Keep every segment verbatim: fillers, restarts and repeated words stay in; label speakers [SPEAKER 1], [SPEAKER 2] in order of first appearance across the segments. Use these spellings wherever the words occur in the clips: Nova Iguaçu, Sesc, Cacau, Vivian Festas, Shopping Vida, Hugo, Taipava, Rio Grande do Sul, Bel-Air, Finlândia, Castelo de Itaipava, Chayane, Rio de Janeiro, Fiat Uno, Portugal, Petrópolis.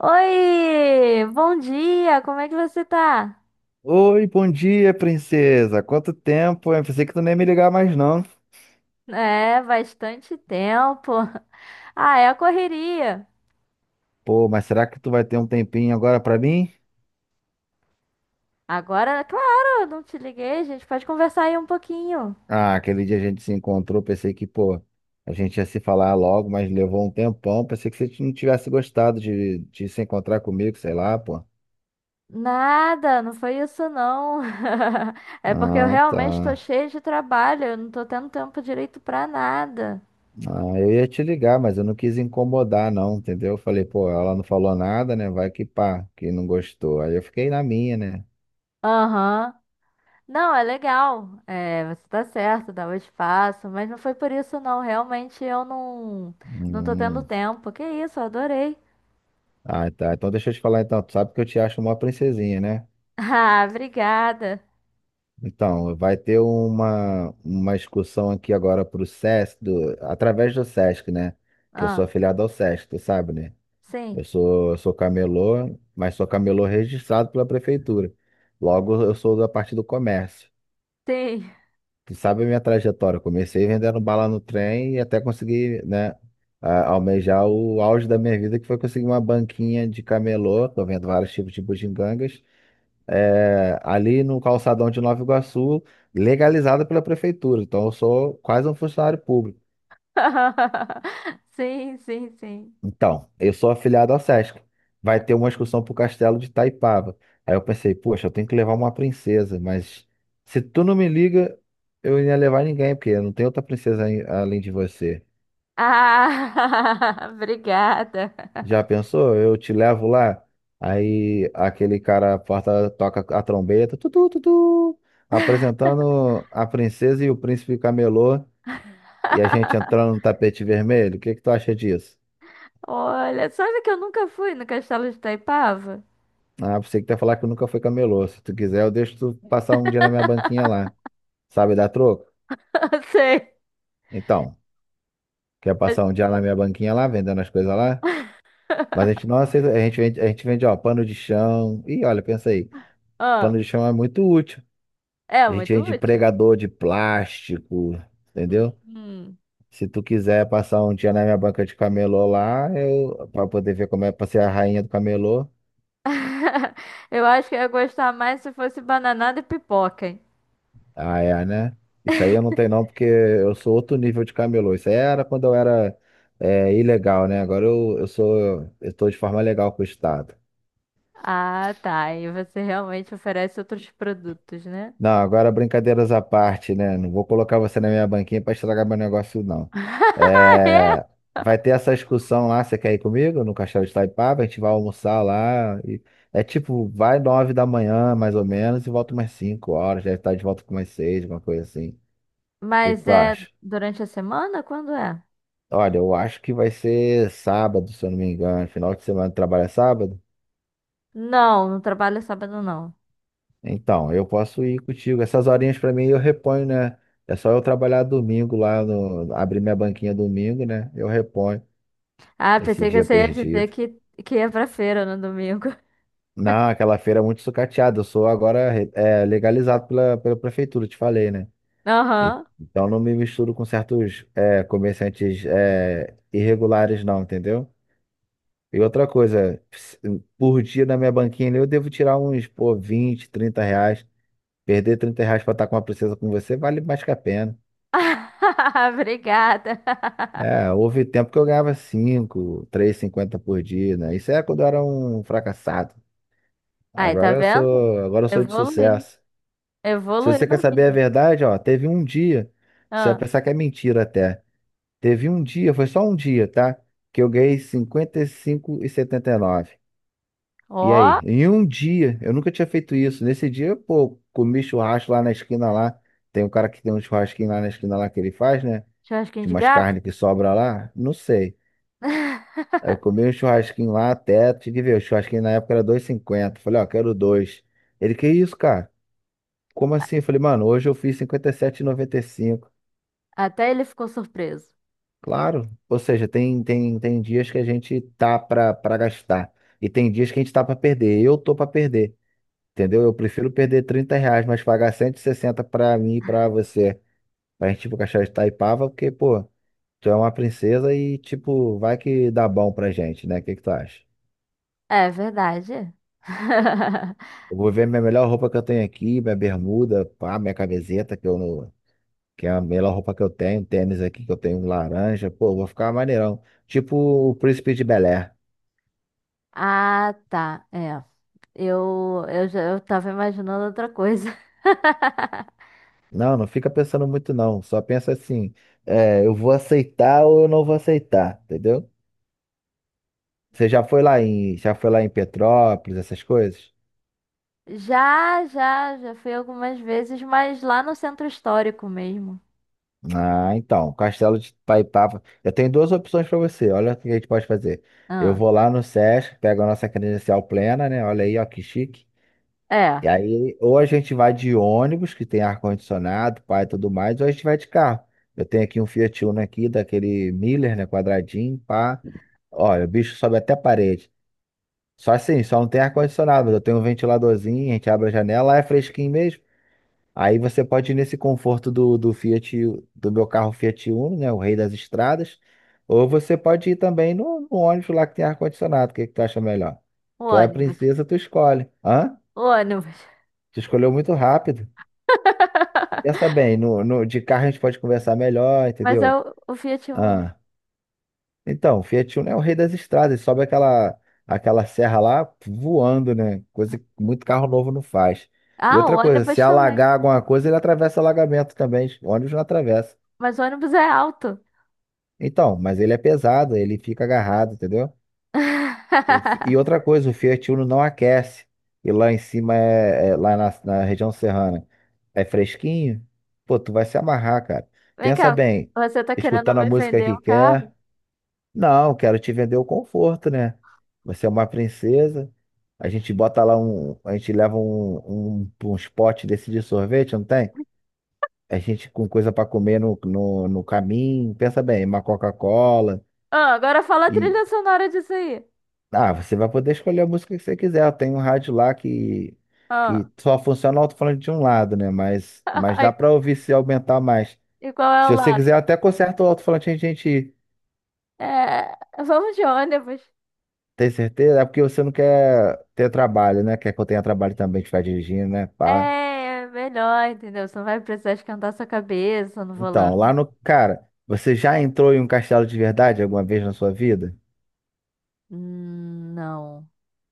[SPEAKER 1] Oi, bom dia, como é que você tá?
[SPEAKER 2] Oi, bom dia, princesa. Quanto tempo? Eu pensei que tu nem ia me ligar mais não.
[SPEAKER 1] É, bastante tempo. Ah, é a correria.
[SPEAKER 2] Pô, mas será que tu vai ter um tempinho agora pra mim?
[SPEAKER 1] Agora, claro, não te liguei, gente pode conversar aí um pouquinho.
[SPEAKER 2] Ah, aquele dia a gente se encontrou, pensei que, pô, a gente ia se falar logo, mas levou um tempão. Pensei que você não tivesse gostado de, de se encontrar comigo, sei lá, pô.
[SPEAKER 1] Nada, não foi isso não. É porque eu
[SPEAKER 2] Ah,
[SPEAKER 1] realmente tô
[SPEAKER 2] tá.
[SPEAKER 1] cheia de trabalho, eu não tô tendo tempo direito pra nada.
[SPEAKER 2] Ah, eu ia te ligar, mas eu não quis incomodar, não, entendeu? Eu falei, pô, ela não falou nada, né? Vai que pá, que não gostou. Aí eu fiquei na minha, né?
[SPEAKER 1] Aham. Não, é legal. É, você tá certo, dá o espaço, mas não foi por isso não, realmente eu não não tô tendo
[SPEAKER 2] Hum.
[SPEAKER 1] tempo. Que isso, eu adorei.
[SPEAKER 2] Ah, tá. Então deixa eu te falar então. Tu sabe que eu te acho uma princesinha, né?
[SPEAKER 1] Ah, obrigada.
[SPEAKER 2] Então, vai ter uma, uma excursão aqui agora pro Sesc, do- através do Sesc, né? Que eu sou
[SPEAKER 1] Ah,
[SPEAKER 2] afiliado ao Sesc, tu sabe, né? Eu
[SPEAKER 1] sim,
[SPEAKER 2] sou, eu sou camelô, mas sou camelô registrado pela prefeitura. Logo, eu sou da parte do comércio.
[SPEAKER 1] sim.
[SPEAKER 2] Tu sabe a minha trajetória. Eu comecei vendendo bala no trem e até conseguir, né, a- almejar o auge da minha vida, que foi conseguir uma banquinha de camelô. Tô vendo vários tipos de bugigangas, é, ali no calçadão de Nova Iguaçu, legalizada pela prefeitura. Então, eu sou quase um funcionário público.
[SPEAKER 1] Sim, sim, sim.
[SPEAKER 2] Então, eu sou afiliado ao Sesc. Vai ter uma excursão pro Castelo de Itaipava. Aí eu pensei, poxa, eu tenho que levar uma princesa, mas se tu não me liga, eu ia levar ninguém, porque não tem outra princesa aí além de você.
[SPEAKER 1] Ah, obrigada.
[SPEAKER 2] Já pensou? Eu te levo lá, aí aquele cara a porta toca a trombeta, tutu, tutu, apresentando a princesa e o príncipe camelô. E a gente entrando no tapete vermelho, o que que tu acha disso?
[SPEAKER 1] Olha, sabe que eu nunca fui no Castelo de Itaipava?
[SPEAKER 2] Ah, você que tá falar que nunca foi camelô. Se tu quiser, eu deixo tu passar um dia na minha banquinha lá. Sabe dar troco?
[SPEAKER 1] Sei.
[SPEAKER 2] Então, quer
[SPEAKER 1] mas-
[SPEAKER 2] passar um dia na minha banquinha lá, vendendo as coisas lá? Mas a gente não aceita, a gente vende, a gente vende, ó, pano de chão. Ih, olha, pensa aí, pano
[SPEAKER 1] Ah,
[SPEAKER 2] de chão é muito útil.
[SPEAKER 1] é
[SPEAKER 2] A gente
[SPEAKER 1] muito
[SPEAKER 2] vende
[SPEAKER 1] útil.
[SPEAKER 2] pregador de plástico, entendeu?
[SPEAKER 1] Hum.
[SPEAKER 2] Se tu quiser passar um dia na minha banca de camelô lá, eu, pra poder ver como é pra ser a rainha do camelô.
[SPEAKER 1] Eu acho que eu ia gostar mais se fosse bananada e pipoca, hein?
[SPEAKER 2] Ah, é, né? Isso aí eu não tenho não, porque eu sou outro nível de camelô. Isso aí era quando eu era é, ilegal, né? Agora eu, eu sou, eu tô de forma legal com o Estado.
[SPEAKER 1] Ah, tá. E você realmente oferece outros produtos, né?
[SPEAKER 2] Não, agora brincadeiras à parte, né? Não vou colocar você na minha banquinha para estragar meu negócio, não. É, vai ter essa excursão lá, você quer ir comigo? No Castelo de Itaipava, a gente vai almoçar lá. E- é tipo, vai nove da manhã, mais ou menos, e volta umas cinco horas, deve estar de volta com umas seis, uma coisa assim. O que que
[SPEAKER 1] Mas
[SPEAKER 2] tu
[SPEAKER 1] é
[SPEAKER 2] acha?
[SPEAKER 1] durante a semana? Quando é?
[SPEAKER 2] Olha, eu acho que vai ser sábado, se eu não me engano. Final de semana trabalha sábado?
[SPEAKER 1] Não, não trabalho sábado, não.
[SPEAKER 2] Então, eu posso ir contigo. Essas horinhas pra mim eu reponho, né? É só eu trabalhar domingo lá no. Abrir minha banquinha domingo, né? Eu reponho
[SPEAKER 1] Ah,
[SPEAKER 2] esse
[SPEAKER 1] pensei que
[SPEAKER 2] dia
[SPEAKER 1] você ia dizer
[SPEAKER 2] perdido.
[SPEAKER 1] que, que ia pra feira no domingo.
[SPEAKER 2] Não, aquela feira é muito sucateada. Eu sou agora re- é, legalizado pela, pela prefeitura, te falei, né? E-
[SPEAKER 1] Aham.
[SPEAKER 2] Então não me misturo com certos é, comerciantes é, irregulares, não, entendeu? E outra coisa, por dia na minha banquinha ali, eu devo tirar uns, pô, vinte, trinta reais. Perder trinta reais pra estar com uma princesa com você vale mais que a pena.
[SPEAKER 1] Obrigada.
[SPEAKER 2] É, houve tempo que eu ganhava cinco, cinquenta por dia, né? Isso é quando eu era um fracassado.
[SPEAKER 1] Aí, tá
[SPEAKER 2] Agora eu
[SPEAKER 1] vendo?
[SPEAKER 2] sou, agora eu sou de
[SPEAKER 1] Evoluiu.
[SPEAKER 2] sucesso. Se
[SPEAKER 1] Evoluiu
[SPEAKER 2] você
[SPEAKER 1] na
[SPEAKER 2] quer saber a
[SPEAKER 1] vida.
[SPEAKER 2] verdade, ó, teve um dia, você vai
[SPEAKER 1] Ah,
[SPEAKER 2] pensar que é mentira até. Teve um dia, foi só um dia, tá? Que eu ganhei cinquenta e e e cinco setenta e nove. E
[SPEAKER 1] ó,
[SPEAKER 2] aí? Em um dia, eu nunca tinha feito isso. Nesse dia, pô, comi churrasco lá na esquina lá. Tem um cara que tem um churrasquinho lá na esquina lá que ele faz, né?
[SPEAKER 1] churrasquinho
[SPEAKER 2] De
[SPEAKER 1] de
[SPEAKER 2] umas
[SPEAKER 1] gato.
[SPEAKER 2] carnes que sobra lá. Não sei. Aí eu comi um churrasquinho lá até, tive que ver, o churrasquinho na época era dois e cinquenta. Falei, ó, quero dois. Ele, que isso, cara? Como assim? Eu falei, mano, hoje eu fiz cinquenta e sete e noventa e cinco.
[SPEAKER 1] Até ele ficou surpreso.
[SPEAKER 2] Claro. Ou seja, tem, tem, tem dias que a gente tá pra, pra gastar. E tem dias que a gente tá pra perder. Eu tô pra perder. Entendeu? Eu prefiro perder trinta reais, mas pagar cento e sessenta pra mim e pra você. Pra gente, tipo, cachorro de Taipava, porque, pô, tu é uma princesa e, tipo, vai que dá bom pra gente, né? O que que tu acha?
[SPEAKER 1] É verdade.
[SPEAKER 2] Eu vou ver minha melhor roupa que eu tenho aqui, minha bermuda, pá, minha camiseta, que eu não... que é a melhor roupa que eu tenho, tênis aqui que eu tenho laranja, pô, eu vou ficar maneirão. Tipo o príncipe de Bel-Air.
[SPEAKER 1] Ah, tá. É. Eu, eu já eu tava imaginando outra coisa.
[SPEAKER 2] Não, não fica pensando muito, não. Só pensa assim, é, eu vou aceitar ou eu não vou aceitar, entendeu? Você já foi lá em, já foi lá em Petrópolis, essas coisas?
[SPEAKER 1] Já, já, já fui algumas vezes, mas lá no centro histórico mesmo.
[SPEAKER 2] Ah, então, Castelo de Itaipava. Eu tenho duas opções para você. Olha o que a gente pode fazer. Eu
[SPEAKER 1] Ah,
[SPEAKER 2] vou lá no SESC, pego a nossa credencial plena, né? Olha aí, ó, que chique.
[SPEAKER 1] é,
[SPEAKER 2] E aí, ou a gente vai de ônibus, que tem ar-condicionado, pá e tudo mais, ou a gente vai de carro. Eu tenho aqui um Fiat Uno aqui, daquele Miller, né? Quadradinho, pá. Olha, o bicho sobe até a parede. Só assim, só não tem ar-condicionado, mas eu tenho um ventiladorzinho, a gente abre a janela, lá é fresquinho mesmo. Aí você pode ir nesse conforto do, do Fiat, do meu carro Fiat Uno, né? O rei das estradas. Ou você pode ir também no, no ônibus lá que tem ar-condicionado. O que, que tu acha melhor?
[SPEAKER 1] o
[SPEAKER 2] Tu é a
[SPEAKER 1] ônibus.
[SPEAKER 2] princesa, tu escolhe. Hã?
[SPEAKER 1] O ônibus.
[SPEAKER 2] Tu escolheu muito rápido. Pensa bem, no, no, de carro a gente pode conversar melhor,
[SPEAKER 1] Mas é
[SPEAKER 2] entendeu?
[SPEAKER 1] o, o Fiat Uno.
[SPEAKER 2] Ah. Então, o Fiat Uno é o rei das estradas. Sobe aquela, aquela serra lá voando, né? Coisa que muito carro novo não faz. E
[SPEAKER 1] Ah, o
[SPEAKER 2] outra coisa, se
[SPEAKER 1] ônibus também.
[SPEAKER 2] alagar alguma coisa, ele atravessa alagamento também. O ônibus não atravessa.
[SPEAKER 1] Mas o ônibus é alto.
[SPEAKER 2] Então, mas ele é pesado, ele fica agarrado, entendeu? O fi- e outra coisa, o Fiat Uno não aquece. E lá em cima é, é- lá na, na região serrana é fresquinho. Pô, tu vai se amarrar, cara.
[SPEAKER 1] Vem
[SPEAKER 2] Pensa
[SPEAKER 1] cá,
[SPEAKER 2] bem,
[SPEAKER 1] você tá querendo
[SPEAKER 2] escutando a
[SPEAKER 1] me
[SPEAKER 2] música
[SPEAKER 1] vender
[SPEAKER 2] que
[SPEAKER 1] um carro?
[SPEAKER 2] quer. Não, quero te vender o conforto, né? Você é uma princesa. A gente bota lá um, a gente leva um, um, uns potes desse de sorvete, não tem? A gente com coisa pra comer no, no, no caminho. Pensa bem, uma Coca-Cola.
[SPEAKER 1] Ah, agora fala a
[SPEAKER 2] E,
[SPEAKER 1] trilha sonora disso aí.
[SPEAKER 2] Ah, você vai poder escolher a música que você quiser. Tem um rádio lá que,
[SPEAKER 1] Ah.
[SPEAKER 2] que só funciona o alto-falante de um lado, né? Mas, mas
[SPEAKER 1] Ai,
[SPEAKER 2] dá pra ouvir se aumentar mais.
[SPEAKER 1] e qual é o
[SPEAKER 2] Se você
[SPEAKER 1] lado?
[SPEAKER 2] quiser, até conserta o alto-falante a gente
[SPEAKER 1] É, vamos de ônibus.
[SPEAKER 2] tem certeza. É porque você não quer ter trabalho, né? Quer que eu tenha trabalho também de ficar dirigindo, né? Pá.
[SPEAKER 1] É melhor, entendeu? Você não vai precisar esquentar sua cabeça no
[SPEAKER 2] Então,
[SPEAKER 1] volante.
[SPEAKER 2] lá no. Cara, você já entrou em um castelo de verdade alguma vez na sua vida?
[SPEAKER 1] Hum, não.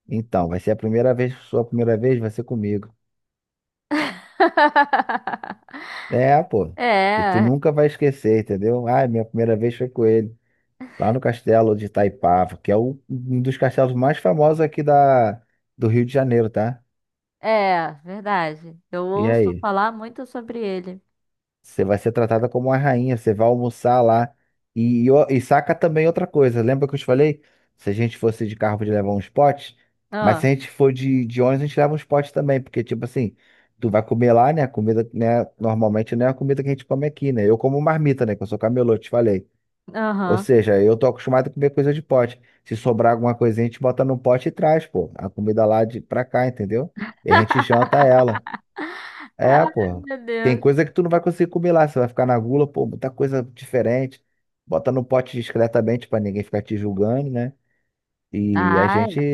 [SPEAKER 2] Então, vai ser a primeira vez, sua primeira vez vai ser comigo. É, pô. E tu
[SPEAKER 1] É,
[SPEAKER 2] nunca vai esquecer, entendeu? Ah, minha primeira vez foi com ele. Lá no castelo de Itaipava, que é o- um dos castelos mais famosos aqui da, do Rio de Janeiro, tá?
[SPEAKER 1] é, verdade. Eu
[SPEAKER 2] E
[SPEAKER 1] ouço
[SPEAKER 2] aí,
[SPEAKER 1] falar muito sobre ele.
[SPEAKER 2] você vai ser tratada como uma rainha, você vai almoçar lá. E, e, o- e saca também outra coisa, lembra que eu te falei? Se a gente fosse de carro, podia levar uns potes, mas
[SPEAKER 1] Ah,
[SPEAKER 2] se a gente for de, de ônibus, a gente leva uns potes também, porque, tipo assim, tu vai comer lá, né? A comida, né? Normalmente não é a comida que a gente come aqui, né? Eu como marmita, né? Que eu sou camelô, te falei. Ou
[SPEAKER 1] aham.
[SPEAKER 2] seja, eu tô acostumado a comer coisa de pote. Se sobrar alguma coisinha, a gente bota no pote e traz, pô. A comida lá de pra cá, entendeu? E a gente janta ela. É,
[SPEAKER 1] Ai,
[SPEAKER 2] pô.
[SPEAKER 1] meu
[SPEAKER 2] Tem
[SPEAKER 1] Deus.
[SPEAKER 2] coisa que tu não vai conseguir comer lá. Você vai ficar na gula, pô, muita coisa diferente. Bota no pote discretamente pra ninguém ficar te julgando, né? E a gente.
[SPEAKER 1] Ah,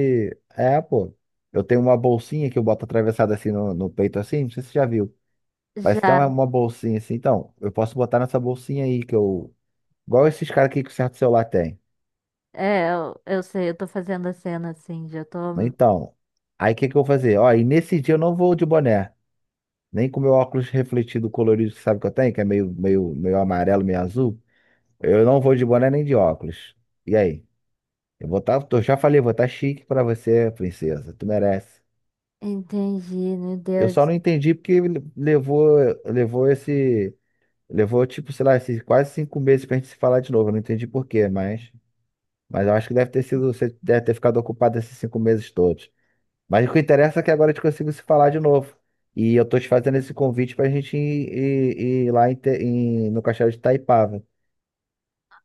[SPEAKER 2] É, pô. Eu tenho uma bolsinha que eu boto atravessada assim no, no peito, assim. Não sei se você já viu. Parece até
[SPEAKER 1] já.
[SPEAKER 2] uma, uma bolsinha assim. Então, eu posso botar nessa bolsinha aí que eu. Igual esses caras aqui que o certo celular tem.
[SPEAKER 1] É, eu, eu sei, eu tô fazendo a cena assim, já tô.
[SPEAKER 2] Então, aí o que que eu vou fazer? Ó, e nesse dia eu não vou de boné, nem com meu óculos refletido colorido, que sabe que eu tenho, que é meio, meio, meio amarelo, meio azul. Eu não vou de boné nem de óculos. E aí? Eu vou estar, eu já falei, eu vou estar chique pra você, princesa. Tu merece.
[SPEAKER 1] Entendi, meu
[SPEAKER 2] Eu
[SPEAKER 1] Deus.
[SPEAKER 2] só não entendi porque ele levou, levou esse, levou tipo, sei lá, esses quase cinco meses pra gente se falar de novo. Eu não entendi por quê, mas, mas eu acho que deve ter sido, você deve ter ficado ocupado esses cinco meses todos. Mas o que interessa é que agora a gente consigo se falar de novo. E eu tô te fazendo esse convite pra gente ir, ir- ir lá em Te- em- no Castelo de Itaipava.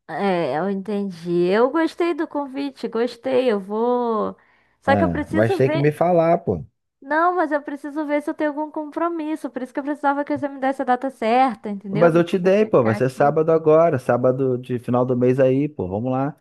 [SPEAKER 1] É, eu entendi. Eu gostei do convite, gostei. Eu vou. Só que eu
[SPEAKER 2] Ah, mas
[SPEAKER 1] preciso
[SPEAKER 2] tem que
[SPEAKER 1] ver.
[SPEAKER 2] me falar, pô.
[SPEAKER 1] Não, mas eu preciso ver se eu tenho algum compromisso. Por isso que eu precisava que você me desse a data certa, entendeu?
[SPEAKER 2] Mas
[SPEAKER 1] Pra
[SPEAKER 2] eu te
[SPEAKER 1] poder
[SPEAKER 2] dei, pô. Vai
[SPEAKER 1] checar
[SPEAKER 2] ser
[SPEAKER 1] aqui.
[SPEAKER 2] sábado agora, sábado de final do mês aí, pô. Vamos lá.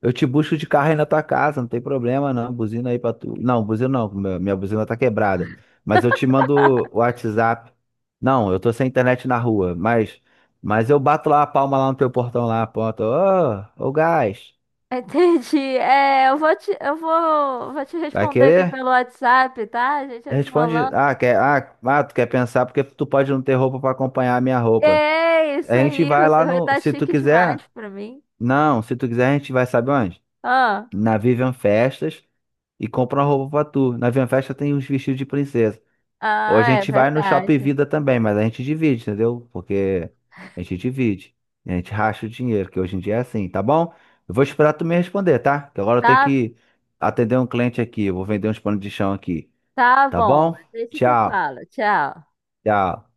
[SPEAKER 2] Eu te busco de carro aí na tua casa, não tem problema não. Buzina aí pra tu. Não, buzina não, minha minha buzina tá quebrada. Mas eu te mando o WhatsApp. Não, eu tô sem internet na rua, mas mas eu bato lá a palma lá no teu portão lá, ponto. Ô, ô gás.
[SPEAKER 1] Entendi. É, eu vou te, eu vou, vou te
[SPEAKER 2] Vai
[SPEAKER 1] responder aqui
[SPEAKER 2] querer?
[SPEAKER 1] pelo WhatsApp, tá? A gente vai se
[SPEAKER 2] Responde.
[SPEAKER 1] falando.
[SPEAKER 2] Ah, quer... ah, ah, tu quer pensar porque tu pode não ter roupa pra acompanhar a minha roupa.
[SPEAKER 1] É
[SPEAKER 2] A
[SPEAKER 1] isso
[SPEAKER 2] gente
[SPEAKER 1] aí,
[SPEAKER 2] vai
[SPEAKER 1] você
[SPEAKER 2] lá
[SPEAKER 1] vai
[SPEAKER 2] no.
[SPEAKER 1] estar
[SPEAKER 2] Se tu
[SPEAKER 1] chique demais
[SPEAKER 2] quiser.
[SPEAKER 1] pra mim.
[SPEAKER 2] Não, se tu quiser, a gente vai, sabe onde?
[SPEAKER 1] Ah,
[SPEAKER 2] Na Vivian Festas e compra uma roupa pra tu. Na Vivian Festa tem uns vestidos de princesa. Ou a
[SPEAKER 1] ah, é
[SPEAKER 2] gente vai no
[SPEAKER 1] verdade.
[SPEAKER 2] Shopping Vida também, mas a gente divide, entendeu? Porque a gente divide. A gente racha o dinheiro, que hoje em dia é assim, tá bom? Eu vou esperar tu me responder, tá? Que agora eu tenho
[SPEAKER 1] Tá,
[SPEAKER 2] que atender um cliente aqui. Eu vou vender uns panos de chão aqui.
[SPEAKER 1] tá
[SPEAKER 2] Tá
[SPEAKER 1] bom.
[SPEAKER 2] bom?
[SPEAKER 1] Deixa você
[SPEAKER 2] Tchau.
[SPEAKER 1] fala. Tchau.
[SPEAKER 2] Tchau.